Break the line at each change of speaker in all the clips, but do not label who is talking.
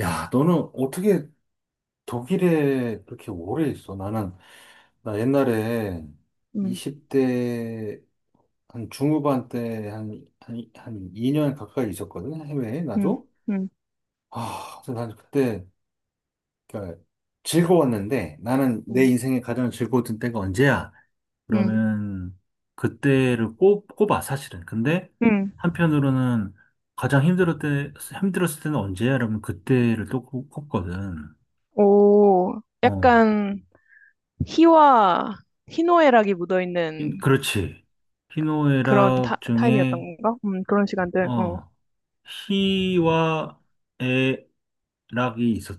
야, 너는 어떻게 독일에 그렇게 오래 있어? 나는, 나 옛날에
음,
20대 한 중후반 때 한 2년 가까이 있었거든, 해외에,
음,
나도.
음,
아, 그래서 난 그때, 그러니까 즐거웠는데, 나는 내
음,
인생에 가장 즐거웠던 때가 언제야?
음,
그러면 그때를 꼽아, 사실은. 근데
음.
한편으로는 가장 힘들었을 때, 힘들었을 때는 언제야? 그러면 그때를 또 꼽거든.
오,
어,
약간 희와 희노애락이 묻어있는
그렇지.
그런 타,
희노애락
타임이었던
중에,
건가? 그런 시간들.
어, 희와 애락이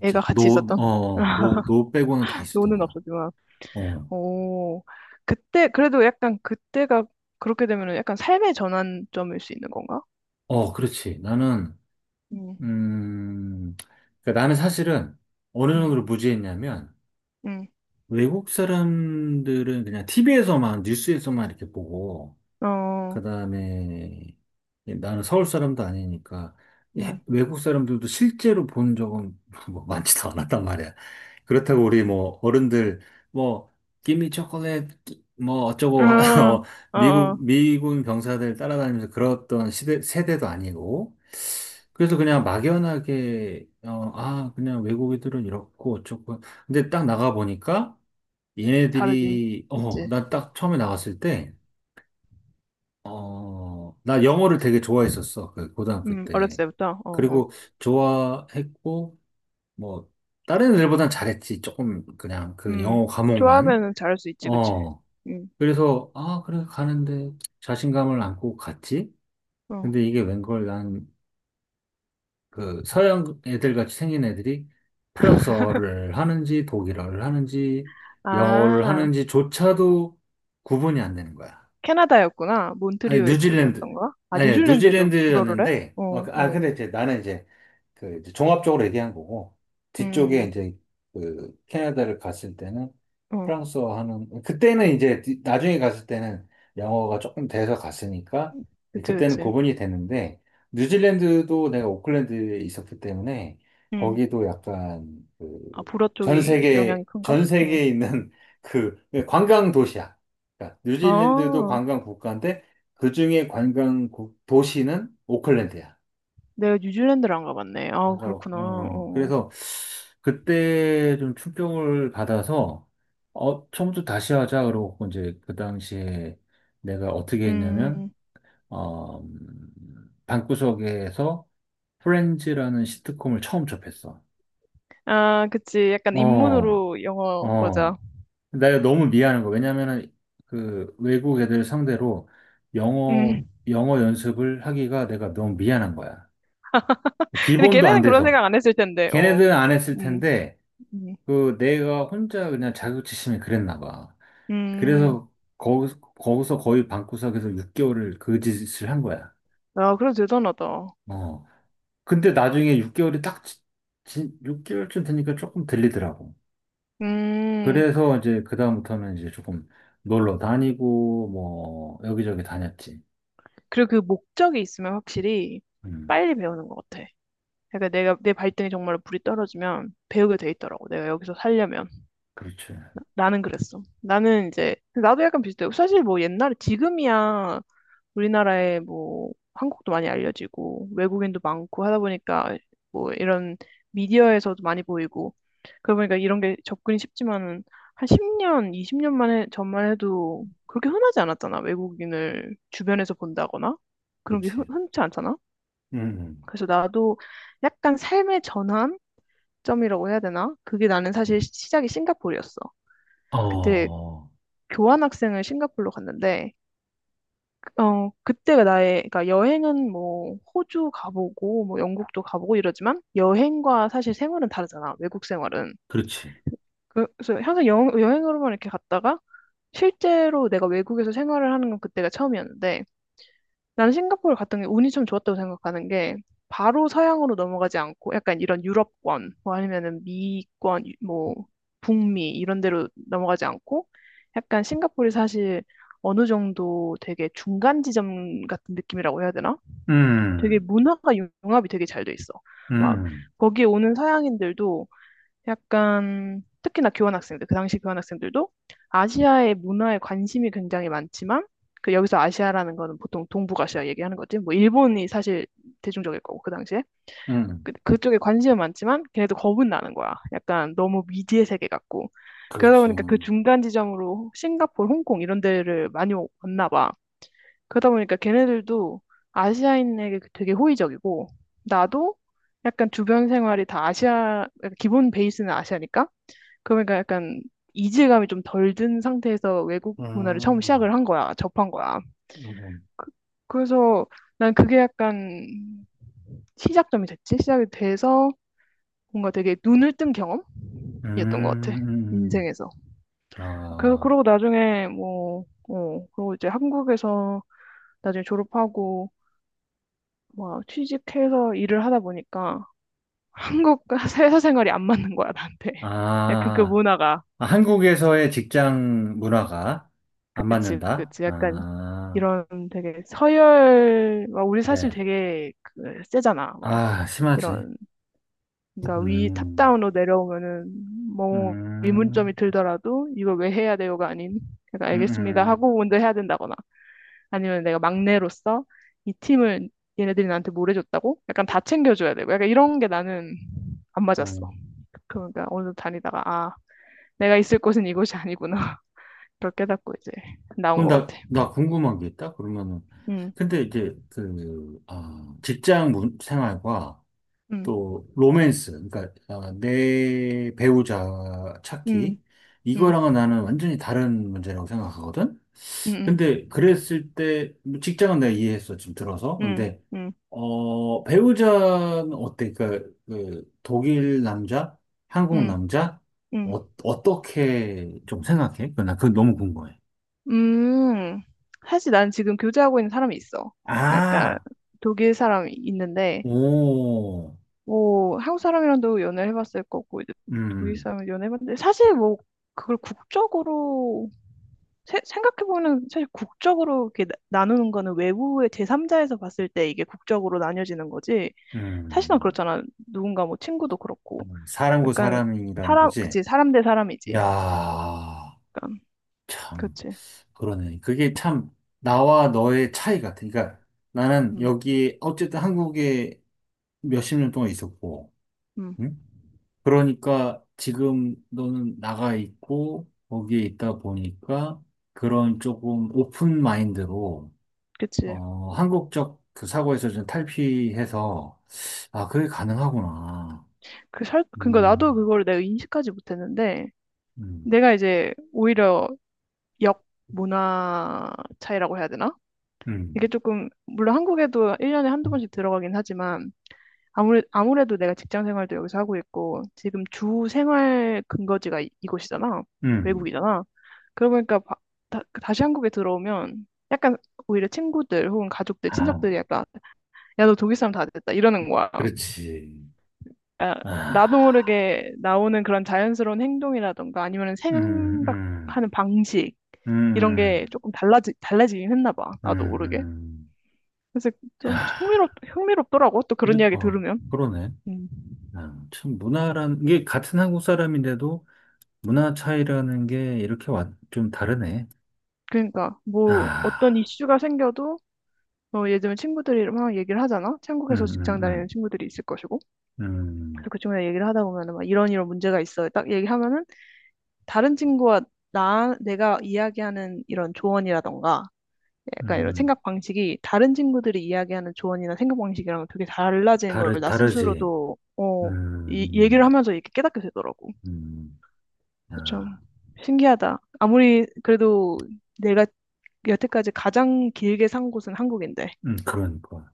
애가 같이
노, 어,
있었던.
어. 노 빼고는 다 있었던
노는
거야.
없었지만.
어,
오, 그때 그래도 약간 그때가 그렇게 되면은 약간 삶의 전환점일 수 있는 건가?
어, 그렇지. 나는,
음,
음, 그러니까 나는 사실은 어느
음,
정도로 무지했냐면,
음,
외국 사람들은 그냥 TV에서만, 뉴스에서만 이렇게 보고,
어,
그다음에 나는 서울 사람도 아니니까
음,
외국 사람들도 실제로 본 적은 뭐 많지도 않았단 말이야. 그렇다고 우리 뭐 어른들 뭐 기미 초콜릿 뭐 어쩌고
어,
어,
어,
미국
어,
미군 병사들 따라다니면서 그랬던 시대 세대도 아니고 그래서 그냥 막연하게 어, 아 그냥 외국인들은 이렇고 어쩌고 근데 딱 나가 보니까
다르지.
얘네들이 어
그치.
나 딱 처음에 나갔을 때 어, 나 영어를 되게 좋아했었어. 그 고등학교
어렸을
때.
때부터. 어, 어,
그리고 좋아했고, 뭐, 다른 애들보단 잘했지. 조금 그냥 그
음,
영어 과목만.
좋아하면은 잘할 수 있지, 그치.
어.
음.
그래서, 아, 그래, 가는데 자신감을 안고 갔지.
어.
근데 이게 웬걸 난 그 서양 애들 같이 생긴 애들이 프랑스어를 하는지 독일어를 하는지 영어를
아,
하는지조차도 구분이 안 되는 거야.
캐나다였구나.
아니
몬트리올
뉴질랜드
쪽이었던 거야? 아,
아니
뉴질랜드에도 불어를 해?
뉴질랜드였는데 어,
어,
그, 아
어,
근데 이제 나는 이제 그 이제 종합적으로 얘기한 거고
음,
뒤쪽에
음,
이제 그 캐나다를 갔을 때는
어.
프랑스어 하는 그때는 이제 나중에 갔을 때는 영어가 조금 돼서 갔으니까
그치,
그때는
그치.
구분이 되는데 뉴질랜드도 내가 오클랜드에 있었기 때문에
음.
거기도 약간
아,
그
불어 쪽이 영향이 큰가?
전
어.
세계에 있는 그 관광 도시야. 그러니까 뉴질랜드도
아,
관광 국가인데 그중에 관광 도시는 오클랜드야.
내가 뉴질랜드를 안 가봤네. 아,
맞아요.
그렇구나. 어.
어,
어.
그래서 그때 좀 충격을 받아서 어, 처음부터 다시 하자 그러고 이제 그 당시에 내가 어떻게 했냐면
음.
어, 방구석에서 프렌즈라는 시트콤을 처음 접했어.
아, 그치. 약간
어,
입문으로 영어, 맞아.
어. 내가 너무 미안한 거. 왜냐면은 그 외국 애들 상대로 영어,
음.
영어 연습을 하기가 내가 너무 미안한 거야.
근데
기본도 안
걔네는 그런
돼서.
생각 안 했을 텐데, 어.
걔네들은 안 했을
음,
텐데
음,
그 내가 혼자 그냥 자격지심이 그랬나 봐.
음.
그래서 거기서, 거기서 거의 방구석에서 6개월을 그 짓을 한 거야.
아, 그래도 대단하다.
어. 근데 나중에 6개월이 딱 6개월쯤 되니까 조금 들리더라고.
음.
그래서 이제 그다음부터는 이제 조금 놀러 다니고 뭐 여기저기 다녔지.
그리고 그 목적이 있으면 확실히
음.
빨리 배우는 것 같아. 그러니까 내가 내 발등에 정말로 불이 떨어지면 배우게 돼 있더라고. 내가 여기서 살려면.
그렇지.
나는 그랬어. 나는 이제 나도 약간 비슷해. 사실 뭐 옛날에 지금이야 우리나라에 뭐 한국도 많이 알려지고 외국인도 많고 하다 보니까 뭐 이런 미디어에서도 많이 보이고 그러다 보니까 이런 게 접근이 쉽지만은 한 10년, 20년 만에 전만 해도 그렇게 흔하지 않았잖아. 외국인을 주변에서 본다거나 그런 게 흔,
그렇지.
흔치 않잖아.
음.
그래서 나도 약간 삶의 전환점이라고 해야 되나? 그게 나는 사실 시작이 싱가포르였어. 그때
어.
교환학생을 싱가포르로 갔는데 그때가 나의, 그러니까 여행은 뭐 호주 가보고 뭐 영국도 가보고 이러지만 여행과 사실 생활은 다르잖아. 외국 생활은.
그렇지.
그래서 항상 여행으로만 이렇게 갔다가 실제로 내가 외국에서 생활을 하는 건 그때가 처음이었는데 나는 싱가포르 갔던 게 운이 좀 좋았다고 생각하는 게 바로 서양으로 넘어가지 않고 약간 이런 유럽권 뭐 아니면은 미권 뭐 북미 이런 데로 넘어가지 않고 약간 싱가포르이 사실 어느 정도 되게 중간 지점 같은 느낌이라고 해야 되나? 되게
음.
문화가 융합이 되게 잘 돼 있어. 막
음.
거기에 오는 서양인들도 약간 특히나 교환 학생들, 그 당시 교환 학생들도 아시아의 문화에 관심이 굉장히 많지만 그 여기서 아시아라는 거는 보통 동북아시아 얘기하는 거지. 뭐 일본이 사실 대중적일 거고 그 당시에
음.
그쪽에 관심은 많지만 걔네도 겁은 나는 거야. 약간 너무 미지의 세계 같고 그러다 보니까 그
그렇죠.
중간 지점으로 싱가포르, 홍콩 이런 데를 많이 왔나 봐. 그러다 보니까 걔네들도 아시아인에게 되게 호의적이고 나도 약간 주변 생활이 다 아시아, 그러니까 기본 베이스는 아시아니까 그러니까 약간 이질감이 좀 덜 든 상태에서 외국 문화를 처음 시작을
음.
한 거야, 접한 거야.
음. 음.
그, 그래서 난 그게 약간 시작점이 됐지? 시작이 돼서 뭔가 되게 눈을 뜬 경험이었던
음,
것 같아,
음,
인생에서.
음.
그,
아,
그러고 나중에 뭐, 그러고 이제 한국에서 나중에 졸업하고 막 취직해서 일을 하다 보니까 한국과 회사 생활이 안 맞는 거야, 나한테. 약간
아,
그 문화가.
아, 한국에서의 직장 문화가 안
그치,
맞는다?
그치. 약간
아,
이런 되게 서열, 막 우리 사실
그래.
되게 그 세잖아. 막
아, 심하지.
이런, 그러니까 위
음,
탑다운으로 내려오면은 뭐
음,
의문점이 들더라도 이걸 왜 해야 돼요가 아닌, 그러니까
음,
알겠습니다
음.
하고 먼저 해야 된다거나 아니면 내가 막내로서 이 팀을 얘네들이 나한테 뭘 해줬다고? 약간 다 챙겨줘야 되고 약간 이런 게 나는 안 맞았어.
음.
그러니까 어느 정도 다니다가 아, 내가 있을 곳은 이곳이 아니구나. 그걸 깨닫고 이제 나온
그럼
것 같아.
나 궁금한 게 있다? 그러면은,
음,
근데 이제 그, 아, 직장 생활과
음,
또 로맨스, 그러니까 아, 내 배우자
음,
찾기,
음,
이거랑은 나는 완전히 다른 문제라고 생각하거든?
음, 음.
근데 그랬을 때, 뭐 직장은 내가 이해했어, 지금 들어서.
응,
근데,
응,
어, 배우자는 어때? 그러니까, 그, 독일 남자? 한국
응,
남자?
응.
어, 어떻게 좀 생각해? 그, 나 그거 너무 궁금해.
음, 사실 난 지금 교제하고 있는 사람이 있어. 약간
아,
독일 사람이 있는데,
오,
뭐, 한국 사람이랑도 연애를 해봤을 거고, 이제 독일
음,
사람이 연애해봤는데, 사실 뭐, 그걸 국적으로, 생각해보면 사실 국적으로 이렇게 나누는 거는 외부의 제3자에서 봤을 때 이게 국적으로 나뉘어지는 거지. 사실은
음.
그렇잖아. 누군가 뭐 친구도 그렇고.
사람과
약간
사람이라는
사람,
거지?
그치, 사람 대 사람이지.
야,
약간,
참,
그치.
그러네. 그게 참, 나와 너의 차이 같아. 그러니까 나는
음,
여기, 어쨌든 한국에 몇 십 년 동안 있었고,
음,
응? 그러니까 지금 너는 나가 있고, 거기에 있다 보니까 그런 조금 오픈 마인드로,
그치.
어, 한국적 그 사고에서 좀 탈피해서, 아, 그게 가능하구나.
그니까 나도
음,
그걸 내가 인식하지 못했는데,
음,
내가 이제 오히려 역 문화 차이라고 해야 되나?
음,
이게 조금, 물론 한국에도 1년에 한두 번씩 들어가긴 하지만, 아무래도 내가 직장 생활도 여기서 하고 있고, 지금 주 생활 근거지가 이곳이잖아.
음.
외국이잖아. 그러고 보니까 다시 한국에 들어오면, 약간 오히려 친구들 혹은 가족들,
아,
친척들이 약간, 야, 너 독일 사람 다 됐다. 이러는 거야.
그렇지.
아, 나도
아,
모르게 나오는 그런 자연스러운 행동이라던가 아니면
음,
생각하는 방식
음,
이런
음,
게 조금 달라지긴 했나 봐. 나도 모르게.
음.
그래서 좀
야,
흥미롭더라고. 또
그래,
그런 이야기
어,
들으면.
그러네.
음.
아, 참 문화라는 게 같은 한국 사람인데도 문화 차이라는 게 이렇게 좀 다르네.
그러니까 뭐 어떤
아,
이슈가 생겨도 예전에 친구들이 막 얘기를 하잖아.
음,
한국에서 직장 다니는
음,
친구들이 있을 것이고. 그래서
음,
그중에 얘기를 하다 보면은 막 이런 이런 문제가 있어요. 딱 얘기하면은 다른 친구와 나 내가 이야기하는 이런 조언이라던가
음,
약간 이런
음,
생각 방식이 다른 친구들이 이야기하는 조언이나 생각 방식이랑 되게 달라지는 걸 나
다르지.
스스로도
음,
어, 이 얘기를
음,
하면서 이렇게 깨닫게 되더라고.
음,
그래서 참
아,
신기하다. 아무리 그래도 내가 여태까지 가장 길게 산 곳은 한국인데
그러니까.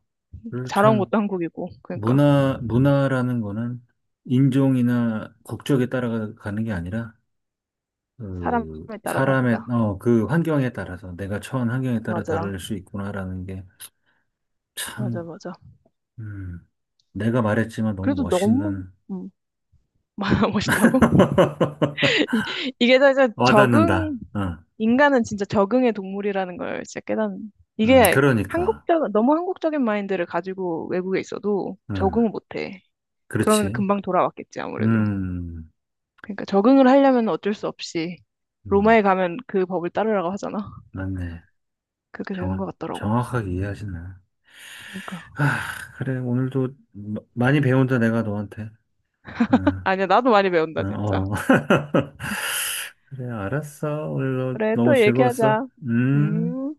그래서
자라온
참
곳도 한국이고 그러니까
문화라는 거는 인종이나 국적에 따라가는 게 아니라
사람에
그
따라
사람의
다르다.
어, 그 환경에 따라서 내가 처한 환경에 따라
맞아,
다를 수 있구나라는 게
맞아,
참.
맞아.
음, 내가 말했지만 너무
그래도 너무
멋있는
음, 멋있다고? 이- 이게 다 이제
와닿는다.
적응
응,
인간은 진짜 적응의 동물이라는 걸 진짜 깨닫는. 이게
그러니까.
한국적, 너무 한국적인 마인드를 가지고 외국에 있어도
응,
적응을 못해. 그러면
그렇지.
금방 돌아왔겠지, 아무래도.
음,
그러니까 적응을 하려면 어쩔 수 없이
음,
로마에 가면 그 법을 따르라고 하잖아.
맞네.
그렇게 되는
정확,
것 같더라고.
정확하게 이해하시네.
그러니까.
아, 그래. 오늘도 많이 배운다, 내가 너한테. 응,
아니야, 나도 많이 배운다,
응,
진짜.
어. 그래, 알았어. 오늘도
그래,
너무
또
즐거웠어.
얘기하자.
음.
음.